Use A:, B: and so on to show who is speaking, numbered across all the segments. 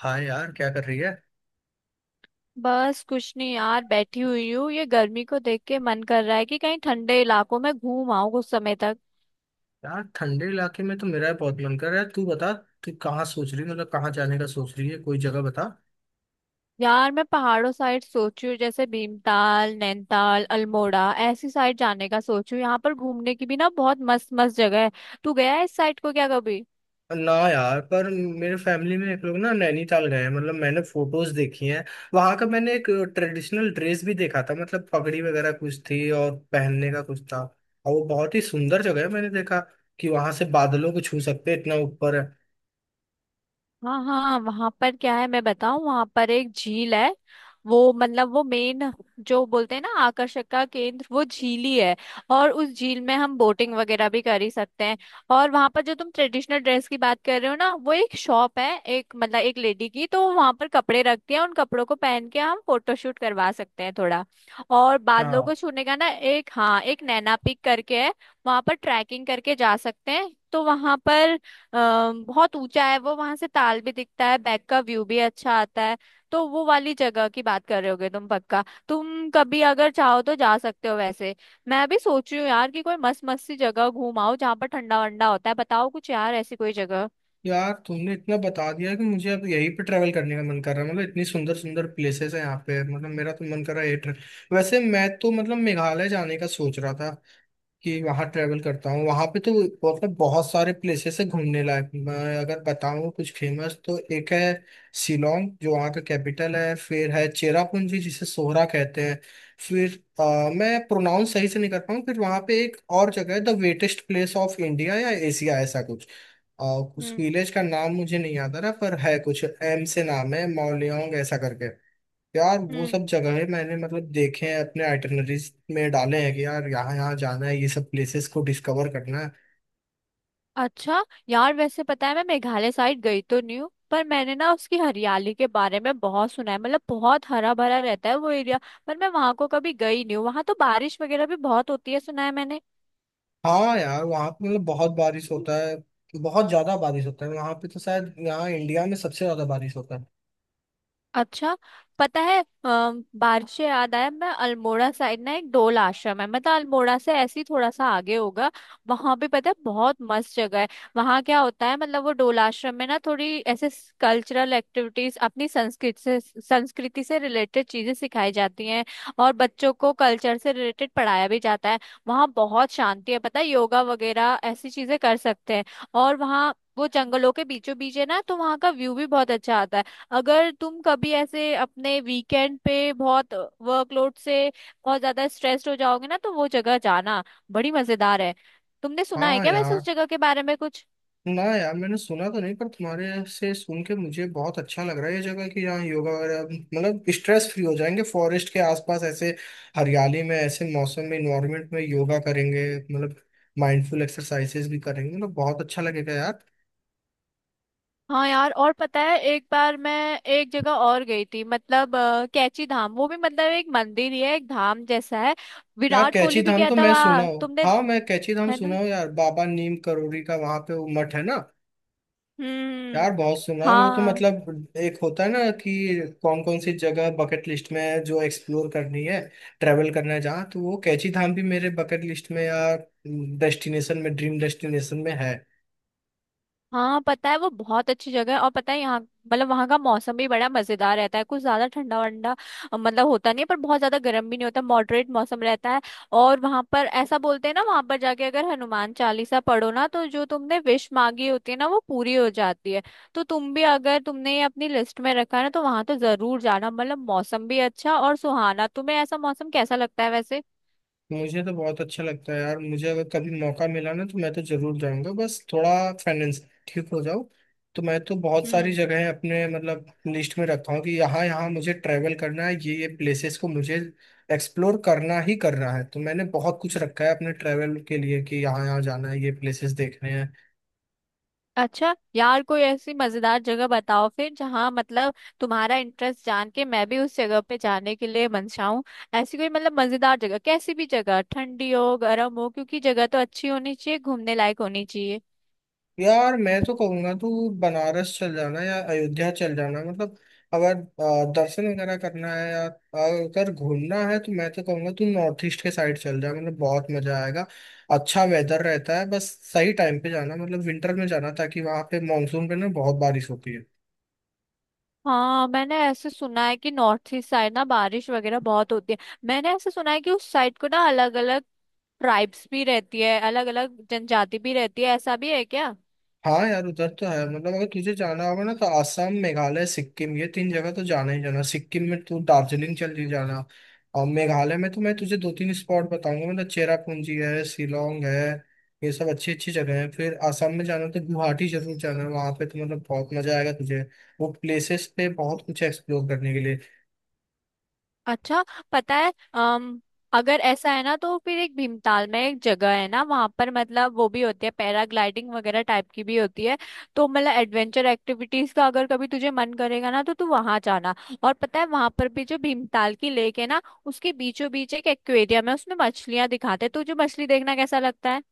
A: हाँ यार, क्या कर रही है।
B: बस कुछ नहीं यार, बैठी हुई हूँ। ये गर्मी को देख के मन कर रहा है कि कहीं ठंडे इलाकों में घूम आऊं कुछ समय तक।
A: यार, ठंडे इलाके में तो मेरा भी बहुत मन कर रहा है। तू बता, तू कहाँ सोच रही है, मतलब कहाँ जाने का सोच रही है, कोई जगह बता।
B: यार मैं पहाड़ों साइड सोची हूँ, जैसे भीमताल, नैनीताल, अल्मोड़ा, ऐसी साइड जाने का सोचू। यहाँ पर घूमने की भी ना बहुत मस्त मस्त जगह है। तू गया है इस साइड को क्या कभी?
A: ना यार, पर मेरे फैमिली में एक लोग ना नैनीताल गए हैं, मतलब मैंने फोटोज देखी हैं। वहां का मैंने एक ट्रेडिशनल ड्रेस भी देखा था, मतलब पगड़ी वगैरह कुछ थी और पहनने का कुछ था। और वो बहुत ही सुंदर जगह है, मैंने देखा कि वहां से बादलों को छू सकते हैं, इतना ऊपर है।
B: हाँ हाँ, वहां पर क्या है मैं बताऊं, वहां पर एक झील है। वो मतलब वो मेन, जो बोलते हैं ना आकर्षक का केंद्र, वो झील ही है। और उस झील में हम बोटिंग वगैरह भी कर ही सकते हैं। और वहां पर जो तुम ट्रेडिशनल ड्रेस की बात कर रहे हो ना, वो एक शॉप है, एक मतलब एक लेडी की तो वहां पर कपड़े रखती है, उन कपड़ों को पहन के हम फोटोशूट करवा सकते हैं थोड़ा। और बादलों
A: हाँ
B: को छूने का ना एक, हाँ एक नैना पिक करके है। वहां पर ट्रैकिंग करके जा सकते हैं। तो वहां पर बहुत ऊंचा है वो। वहां से ताल भी दिखता है, बैक का व्यू भी अच्छा आता है। तो वो वाली जगह की बात कर रहे होगे तुम पक्का। तुम कभी अगर चाहो तो जा सकते हो वैसे। मैं भी सोच रही हूँ यार कि कोई मस्त मस्त सी जगह घूम आओ जहाँ पर ठंडा वंडा होता है। बताओ कुछ यार ऐसी कोई जगह।
A: यार, तुमने इतना बता दिया कि मुझे अब यहीं पे ट्रैवल करने का मन कर रहा है। मतलब इतनी सुंदर सुंदर प्लेसेस हैं यहाँ पे, मतलब मेरा तो मन कर रहा है ये ट्रैवल। वैसे मैं तो मतलब मेघालय जाने का सोच रहा था कि वहाँ ट्रेवल करता हूँ। वहाँ पे तो मतलब बहुत सारे प्लेसेस है घूमने लायक। मैं अगर बताऊँ कुछ फेमस, तो एक है शिलोंग, जो वहाँ का कैपिटल है। फिर है चेरापूंजी, जिसे सोहरा कहते हैं। फिर मैं प्रोनाउंस सही से नहीं कर पाऊँ। फिर वहाँ पे एक और जगह है, the wettest place of India या एशिया ऐसा कुछ। अ, उस
B: हम्म।
A: विलेज का नाम मुझे नहीं याद आ रहा, पर है कुछ एम से नाम, है मौलियोंग ऐसा करके। यार, वो
B: हम्म।
A: सब जगहें मैंने मतलब देखे हैं, अपने आइटनरीज में डाले हैं कि यार यहाँ यहाँ जाना है, ये सब प्लेसेस को डिस्कवर करना है।
B: अच्छा यार, वैसे पता है मैं मेघालय साइड गई तो नहीं हूँ, पर मैंने ना उसकी हरियाली के बारे में बहुत सुना है, मतलब बहुत हरा भरा रहता है वो एरिया। पर मैं वहां को कभी गई नहीं हूँ। वहां तो बारिश वगैरह भी बहुत होती है सुना है मैंने।
A: हाँ यार, वहाँ पे मतलब बहुत बारिश होता है। बहुत ज्यादा बारिश होता है वहाँ पे, तो शायद यहाँ इंडिया में सबसे ज्यादा बारिश होता है।
B: अच्छा। पता है, बारिश से याद आया, मैं अल्मोड़ा साइड ना एक डोल आश्रम है, मतलब अल्मोड़ा से ऐसे ही थोड़ा सा आगे होगा। वहां पे पता है बहुत मस्त जगह है। वहां क्या होता है, मतलब वो डोल आश्रम में ना थोड़ी ऐसे कल्चरल एक्टिविटीज, अपनी संस्कृति से रिलेटेड चीजें सिखाई जाती हैं। और बच्चों को कल्चर से रिलेटेड पढ़ाया भी जाता है। वहाँ बहुत शांति है पता है, योगा वगैरह ऐसी चीजें कर सकते हैं। और वहाँ वो जंगलों के बीचों बीच है ना, तो वहाँ का व्यू भी बहुत अच्छा आता है। अगर तुम कभी ऐसे अपने वीकेंड पे बहुत वर्कलोड से बहुत ज्यादा स्ट्रेस्ड हो जाओगे ना तो वो जगह जाना, बड़ी मजेदार है। तुमने सुना है
A: हाँ
B: क्या वैसे उस
A: यार।
B: जगह के बारे में कुछ?
A: ना यार, मैंने सुना तो नहीं, पर तुम्हारे से सुन के मुझे बहुत अच्छा लग रहा है ये जगह कि यहाँ योगा वगैरह, मतलब स्ट्रेस फ्री हो जाएंगे, फॉरेस्ट के आसपास, ऐसे हरियाली में, ऐसे मौसम में, इन्वायरमेंट में योगा करेंगे, मतलब माइंडफुल एक्सरसाइजेस भी करेंगे, मतलब बहुत अच्छा लगेगा यार।
B: हाँ यार। और पता है एक बार मैं एक जगह और गई थी, मतलब कैची धाम। वो भी मतलब एक मंदिर ही है, एक धाम जैसा है।
A: यार,
B: विराट
A: कैची
B: कोहली भी
A: धाम
B: गया
A: तो
B: था
A: मैं सुना
B: वहाँ,
A: हूँ,
B: तुमने...
A: हाँ, मैं कैची धाम
B: है
A: सुना
B: ना?
A: हूँ यार। बाबा नीम करोरी का वहां पे वो मठ है ना।
B: हम्म।
A: यार, बहुत सुना है वो तो।
B: हाँ
A: मतलब एक होता है ना कि कौन कौन सी जगह बकेट लिस्ट में है, जो एक्सप्लोर करनी है, ट्रेवल करना है जहाँ, तो वो कैची धाम भी मेरे बकेट लिस्ट में या डेस्टिनेशन में, ड्रीम डेस्टिनेशन में है।
B: हाँ, पता है वो बहुत अच्छी जगह है। और पता है यहाँ मतलब वहाँ का मौसम भी बड़ा मजेदार रहता है, कुछ ज्यादा ठंडा वंडा मतलब होता नहीं है, पर बहुत ज्यादा गर्म भी नहीं होता, मॉडरेट मौसम रहता है। और वहाँ पर ऐसा बोलते हैं ना, वहाँ पर जाके अगर हनुमान चालीसा पढ़ो ना तो जो तुमने विश मांगी होती है ना वो पूरी हो जाती है। तो तुम भी अगर तुमने ये अपनी लिस्ट में रखा है ना तो वहाँ तो जरूर जाना, मतलब मौसम भी अच्छा और सुहाना। तुम्हें ऐसा मौसम कैसा लगता है वैसे?
A: मुझे तो बहुत अच्छा लगता है यार। मुझे अगर कभी मौका मिला ना, तो मैं तो जरूर जाऊंगा, बस थोड़ा फाइनेंस ठीक हो जाओ। तो मैं तो बहुत सारी जगहें अपने मतलब लिस्ट में रखा हूँ कि यहाँ यहाँ मुझे ट्रैवल करना है, ये प्लेसेस को मुझे एक्सप्लोर करना ही करना है। तो मैंने बहुत कुछ रखा है अपने ट्रैवल के लिए कि यहाँ यहाँ जाना है, ये प्लेसेस देखने हैं।
B: अच्छा यार, कोई ऐसी मजेदार जगह बताओ फिर जहाँ मतलब तुम्हारा इंटरेस्ट जान के मैं भी उस जगह पे जाने के लिए मनचाहूँ। ऐसी कोई मतलब मजेदार जगह, कैसी भी जगह, ठंडी हो गर्म हो, क्योंकि जगह तो अच्छी होनी चाहिए, घूमने लायक होनी चाहिए।
A: यार, मैं तो कहूंगा तू बनारस चल जाना या अयोध्या चल जाना। मतलब अगर दर्शन वगैरह करना है, या अगर घूमना है, तो मैं तो कहूंगा तू नॉर्थ ईस्ट के साइड चल जा, मतलब बहुत मजा आएगा। अच्छा वेदर रहता है, बस सही टाइम पे जाना, मतलब विंटर में जाना, ताकि वहां पे, मानसून पे ना बहुत बारिश होती है।
B: हाँ, मैंने ऐसे सुना है कि नॉर्थ ईस्ट साइड ना बारिश वगैरह बहुत होती है। मैंने ऐसे सुना है कि उस साइड को ना अलग अलग ट्राइब्स भी रहती है, अलग अलग जनजाति भी रहती है। ऐसा भी है क्या?
A: हाँ यार, उधर तो है। मतलब अगर तुझे जाना होगा ना, तो आसाम, मेघालय, सिक्किम, ये तीन जगह तो जाना ही जाना। सिक्किम में तू दार्जिलिंग चली जाना, और मेघालय में तो मैं तुझे दो तीन स्पॉट बताऊंगा, मतलब चेरापूंजी है, शिलोंग है, ये सब अच्छी अच्छी जगह है। फिर आसाम में जाना तो गुवाहाटी जरूर जाना, वहाँ पे तो मतलब बहुत मजा आएगा तुझे। वो प्लेसेस पे बहुत कुछ एक्सप्लोर करने के लिए।
B: अच्छा। पता है अगर ऐसा है ना तो फिर एक भीमताल में एक जगह है ना वहां पर, मतलब वो भी होती है पैराग्लाइडिंग वगैरह टाइप की भी होती है। तो मतलब एडवेंचर एक्टिविटीज का अगर कभी तुझे मन करेगा ना तो तू वहां जाना। और पता है वहां पर भी जो भीमताल की लेक है ना उसके बीचों बीच एक एक्वेरियम है, उसमें मछलियां दिखाते हैं। तुझे मछली देखना कैसा लगता है?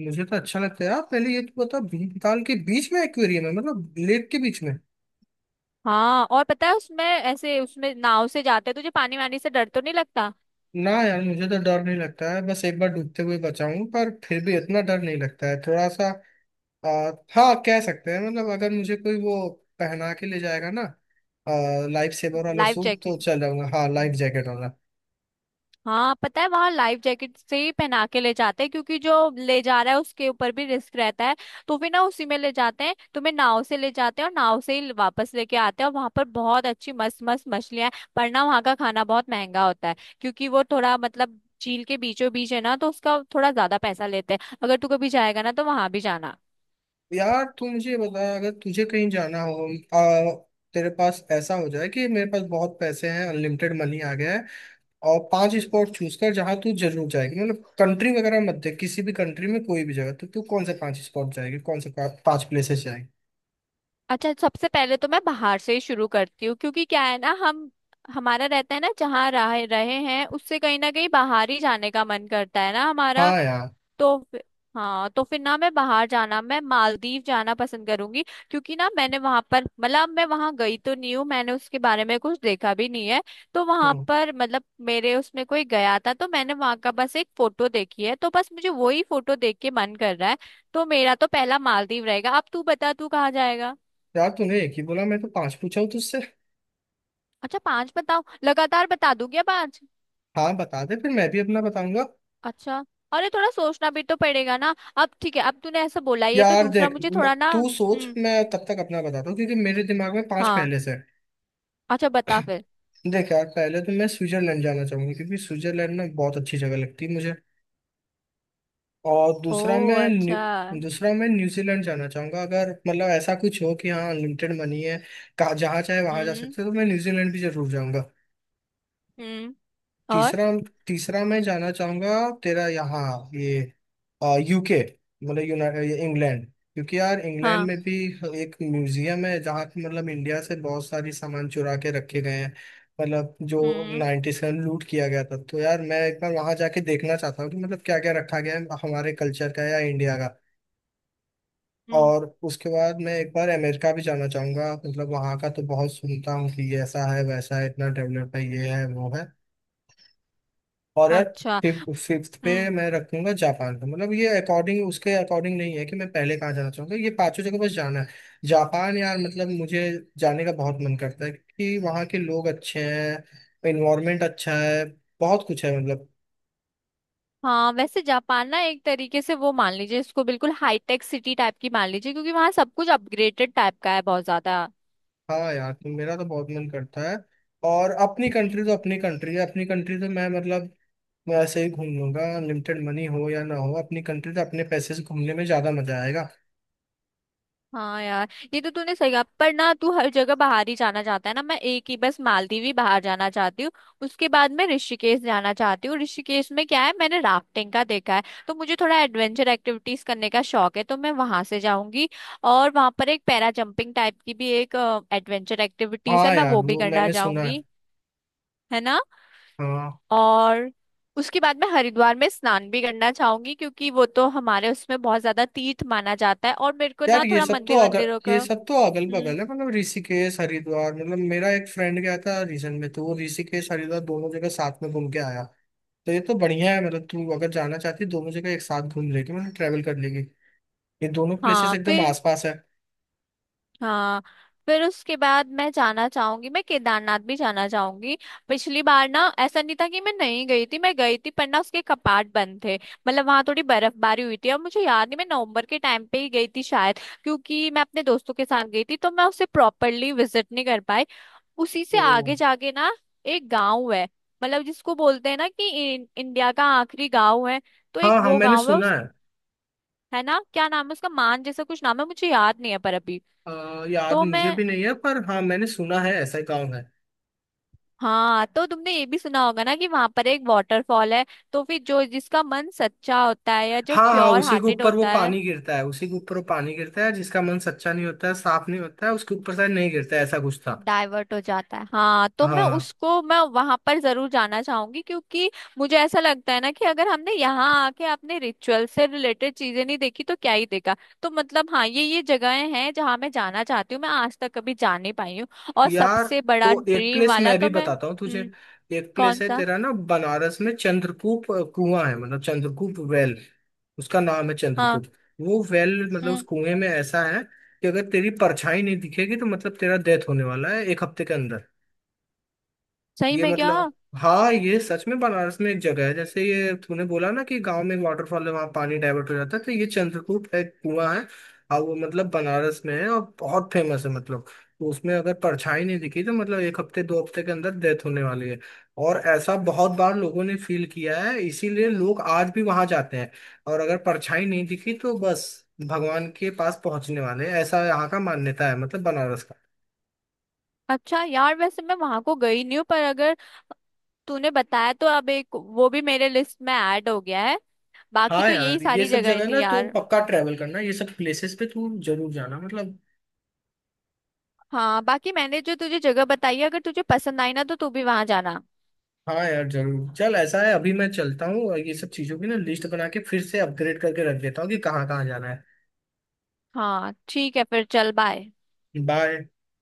A: मुझे तो अच्छा लगता है यार। पहले ये तू बता, भीमताल के बीच में एक्वेरियम है, मतलब लेक के बीच में?
B: हाँ, और पता है उसमें ऐसे उसमें नाव से जाते हैं। तुझे पानी वानी से डर तो नहीं लगता?
A: ना यार, मुझे तो डर नहीं लगता है। बस एक बार डूबते हुए बचा हूं, पर फिर भी इतना डर नहीं लगता है, थोड़ा सा हाँ, कह सकते हैं। मतलब अगर मुझे कोई वो पहना के ले जाएगा ना, लाइफ सेवर वाला
B: लाइफ
A: सूट, तो
B: जैकेट।
A: चल जाऊंगा। हाँ, लाइफ जैकेट वाला।
B: हाँ पता है वहां लाइफ जैकेट से ही पहना के ले जाते हैं, क्योंकि जो ले जा रहा है उसके ऊपर भी रिस्क रहता है। तो फिर ना उसी में ले जाते हैं, तुम्हें नाव से ले जाते हैं और नाव से ही वापस लेके आते हैं। और वहां पर बहुत अच्छी मस्त मस्त मछलियां हैं, पर ना वहां का खाना बहुत महंगा होता है, क्योंकि वो थोड़ा मतलब झील के बीचों बीच है ना तो उसका थोड़ा ज्यादा पैसा लेते हैं। अगर तू कभी जाएगा ना तो वहां भी जाना।
A: यार, तू मुझे बता, अगर तुझे कहीं जाना हो, आ, तेरे पास ऐसा हो जाए कि मेरे पास बहुत पैसे हैं, अनलिमिटेड मनी आ गया है, और पांच स्पॉट चूज कर जहाँ तू जरूर जाएगी। मतलब कंट्री वगैरह मत देख, किसी भी कंट्री में कोई भी जगह, तो तू कौन से पांच स्पॉट जाएगी, कौन से पांच प्लेसेस।
B: अच्छा, सबसे पहले तो मैं बाहर से ही शुरू करती हूँ, क्योंकि क्या है ना, हम हमारा रहता है ना जहाँ रहे रहे हैं उससे कहीं ना कहीं बाहर ही जाने का मन करता है ना हमारा।
A: हाँ यार।
B: तो फिर- हाँ, तो फिर ना मैं बाहर जाना, मैं मालदीव जाना पसंद करूंगी। क्योंकि ना मैंने वहां पर मतलब मैं वहां गई तो नहीं हूँ, मैंने उसके बारे में कुछ देखा भी नहीं है। तो वहां
A: हम्म।
B: पर मतलब मेरे उसमें कोई गया था तो मैंने वहां का बस एक फोटो देखी है, तो बस मुझे वही फोटो देख के मन कर रहा है। तो मेरा तो पहला मालदीव रहेगा। अब तू बता, तू कहाँ जाएगा?
A: यार तूने एक ही बोला, मैं तो पांच पूछा हूँ तुझसे।
B: अच्छा, पांच बताओ? लगातार बता दूं क्या पांच?
A: हाँ बता दे, फिर मैं भी अपना बताऊंगा।
B: अच्छा, अरे थोड़ा सोचना भी तो पड़ेगा ना। अब ठीक है, अब तूने ऐसा बोला, ये तो
A: यार
B: दूसरा,
A: देख,
B: मुझे थोड़ा ना।
A: तू सोच,
B: हम्म।
A: मैं तब तक अपना बताता हूँ, क्योंकि मेरे दिमाग में पांच
B: हाँ।
A: पहले से हैं।
B: अच्छा, बता फिर।
A: देख यार, पहले तो मैं स्विट्जरलैंड जाना चाहूंगा, क्योंकि स्विट्जरलैंड ना बहुत अच्छी जगह लगती है मुझे। और
B: ओ। अच्छा।
A: दूसरा मैं न्यूजीलैंड जाना चाहूंगा। अगर मतलब ऐसा कुछ हो कि हाँ अनलिमिटेड मनी है, कहाँ जहाँ चाहे वहां जा
B: हम्म।
A: सकते हो, तो मैं न्यूजीलैंड भी जरूर जाऊंगा।
B: हम्म। और।
A: तीसरा, तीसरा मैं जाना चाहूंगा तेरा यहाँ ये यूके, मतलब यूनाइटेड इंग्लैंड, क्योंकि यार इंग्लैंड
B: हाँ।
A: में भी एक म्यूजियम है जहाँ पे मतलब इंडिया से बहुत सारी सामान चुरा के रखे गए हैं, मतलब जो
B: हम्म।
A: नाइन्टीज में लूट किया गया था। तो यार मैं एक बार वहाँ जाके देखना चाहता हूँ कि मतलब क्या क्या रखा गया है हमारे कल्चर का या इंडिया का।
B: हम्म।
A: और उसके बाद मैं एक बार अमेरिका भी जाना चाहूंगा, मतलब वहाँ का तो बहुत सुनता हूँ कि ये ऐसा है, वैसा है, इतना डेवलप है, ये है, वो है। और यार,
B: अच्छा।
A: फिफ्थ पे
B: हम्म।
A: मैं रखूंगा जापान का। मतलब ये अकॉर्डिंग नहीं है कि मैं पहले कहाँ जाना चाहूंगा, ये पांचों जगह बस जाना है। जापान यार, मतलब मुझे जाने का बहुत मन करता है, क्योंकि वहाँ के लोग अच्छे हैं, इन्वायरमेंट अच्छा है, बहुत कुछ है मतलब।
B: हाँ, वैसे जापान ना एक तरीके से वो मान लीजिए, इसको बिल्कुल हाईटेक सिटी टाइप की मान लीजिए, क्योंकि वहाँ सब कुछ अपग्रेडेड टाइप का है बहुत ज्यादा।
A: हाँ यार, तो मेरा तो बहुत मन करता है। और अपनी कंट्री तो
B: हम्म।
A: अपनी कंट्री है, अपनी कंट्री तो मैं मतलब मैं ऐसे ही घूम लूंगा, लिमिटेड मनी हो या ना हो। अपनी कंट्री तो अपने पैसे से घूमने में ज्यादा मजा आएगा।
B: हाँ यार, ये तो तूने सही कहा। पर ना तू हर जगह बाहर ही जाना चाहता है ना, मैं एक ही बस मालदीव ही बाहर जाना चाहती हूँ। उसके बाद मैं ऋषिकेश जाना चाहती हूँ। ऋषिकेश में क्या है, मैंने राफ्टिंग का देखा है। तो मुझे थोड़ा एडवेंचर एक्टिविटीज करने का शौक है तो मैं वहां से जाऊंगी। और वहां पर एक पैरा जंपिंग टाइप की भी एक एडवेंचर एक्टिविटीज है,
A: हाँ
B: मैं
A: यार,
B: वो भी
A: वो
B: करना
A: मैंने सुना है।
B: जाऊंगी। है ना?
A: हाँ
B: और उसके बाद मैं हरिद्वार में स्नान भी करना चाहूंगी, क्योंकि वो तो हमारे उसमें बहुत ज्यादा तीर्थ माना जाता है, और मेरे को
A: यार,
B: ना
A: ये
B: थोड़ा
A: सब तो
B: मंदिर
A: अगर
B: वंदिरों
A: ये
B: का...
A: सब तो अगल
B: हम्म।
A: बगल है, मतलब ऋषिकेश हरिद्वार। मतलब मेरा एक फ्रेंड गया था रीसेंट में, तो वो ऋषिकेश हरिद्वार दोनों जगह साथ में घूम के आया। तो ये तो बढ़िया है, मतलब तू अगर जाना चाहती है, दोनों जगह एक साथ घूम लेगी, मतलब ट्रेवल कर लेगी। ये दोनों प्लेसेस
B: हाँ
A: एकदम
B: फिर।
A: आसपास है
B: हाँ फिर उसके बाद मैं जाना चाहूंगी, मैं केदारनाथ भी जाना चाहूंगी। पिछली बार ना ऐसा नहीं था कि मैं नहीं गई थी, मैं गई थी, पर ना उसके कपाट बंद थे, मतलब वहां थोड़ी बर्फबारी हुई थी और मुझे याद नहीं, मैं नवंबर के टाइम पे ही गई थी शायद। क्योंकि मैं अपने दोस्तों के साथ गई थी तो मैं उसे प्रॉपरली विजिट नहीं कर पाई। उसी से
A: तो।
B: आगे जाके ना एक गाँव है, मतलब जिसको बोलते हैं ना कि इंडिया का आखिरी गाँव है। तो एक
A: हाँ हाँ,
B: वो
A: मैंने
B: गाँव है
A: सुना
B: उस...
A: है।
B: है ना? क्या नाम है उसका, मान जैसा कुछ नाम है, मुझे याद नहीं है पर अभी।
A: याद
B: तो
A: मुझे
B: मैं...
A: भी नहीं है, पर हाँ, मैंने सुना है ऐसा गाँव है।
B: हाँ, तो तुमने ये भी सुना होगा ना कि वहां पर एक वाटरफॉल है। तो फिर जो जिसका मन सच्चा होता है या जो
A: हाँ हाँ,
B: प्योर
A: उसी के
B: हार्टेड
A: ऊपर वो
B: होता है...
A: पानी गिरता है, उसी के ऊपर वो पानी गिरता है, जिसका मन सच्चा नहीं होता है, साफ नहीं होता है, उसके ऊपर शायद नहीं गिरता है, ऐसा कुछ था।
B: डाइवर्ट हो जाता है। हाँ, तो मैं
A: हाँ
B: उसको, मैं वहां पर जरूर जाना चाहूंगी, क्योंकि मुझे ऐसा लगता है ना कि अगर हमने यहाँ आके अपने रिचुअल से रिलेटेड चीजें नहीं देखी तो क्या ही देखा। तो मतलब हाँ, ये जगहें हैं जहाँ मैं जाना चाहती हूँ, मैं आज तक कभी जा नहीं पाई हूँ। और
A: यार,
B: सबसे बड़ा
A: तो एक
B: ड्रीम
A: प्लेस
B: वाला
A: मैं भी
B: तो मैं...
A: बताता हूँ तुझे।
B: हम्म।
A: एक प्लेस
B: कौन
A: है
B: सा?
A: तेरा ना, बनारस में, चंद्रकूप, कुआं है, मतलब चंद्रकूप वेल। उसका नाम है
B: हाँ।
A: चंद्रकूट। वो वेल मतलब उस
B: हम्म।
A: कुएं में ऐसा है कि अगर तेरी परछाई नहीं दिखेगी, तो मतलब तेरा डेथ होने वाला है 1 हफ्ते के अंदर।
B: सही
A: ये
B: में क्या?
A: मतलब, हाँ, ये सच में बनारस में एक जगह है। जैसे ये तूने बोला ना कि गांव में एक वाटरफॉल है, वहां पानी डाइवर्ट हो जाता है, तो ये चंद्रकूट एक कुआं है, और वो मतलब बनारस में है, और बहुत फेमस है मतलब। तो उसमें अगर परछाई नहीं दिखी, तो मतलब एक हफ्ते 2 हफ्ते के अंदर डेथ होने वाली है। और ऐसा बहुत बार लोगों ने फील किया है, इसीलिए लोग आज भी वहां जाते हैं। और अगर परछाई नहीं दिखी, तो बस भगवान के पास पहुंचने वाले हैं। ऐसा यहाँ का मान्यता है, मतलब बनारस का।
B: अच्छा यार, वैसे मैं वहां को गई नहीं हूँ, पर अगर तूने बताया तो अब एक वो भी मेरे लिस्ट में ऐड हो गया है। बाकी
A: हाँ
B: तो यही
A: यार, ये
B: सारी
A: सब
B: जगह
A: जगह
B: थी
A: ना तू
B: यार।
A: पक्का ट्रैवल करना, ये सब प्लेसेस पे तू जरूर जाना मतलब।
B: हाँ, बाकी मैंने जो तुझे जगह बताई है अगर तुझे पसंद आई ना तो तू भी वहां जाना।
A: हाँ यार, जरूर। चल, ऐसा है, अभी मैं चलता हूँ, और ये सब चीजों की ना लिस्ट बना के फिर से अपग्रेड करके रख देता हूँ कि कहाँ कहाँ जाना है।
B: हाँ ठीक है, फिर चल बाय।
A: बाय।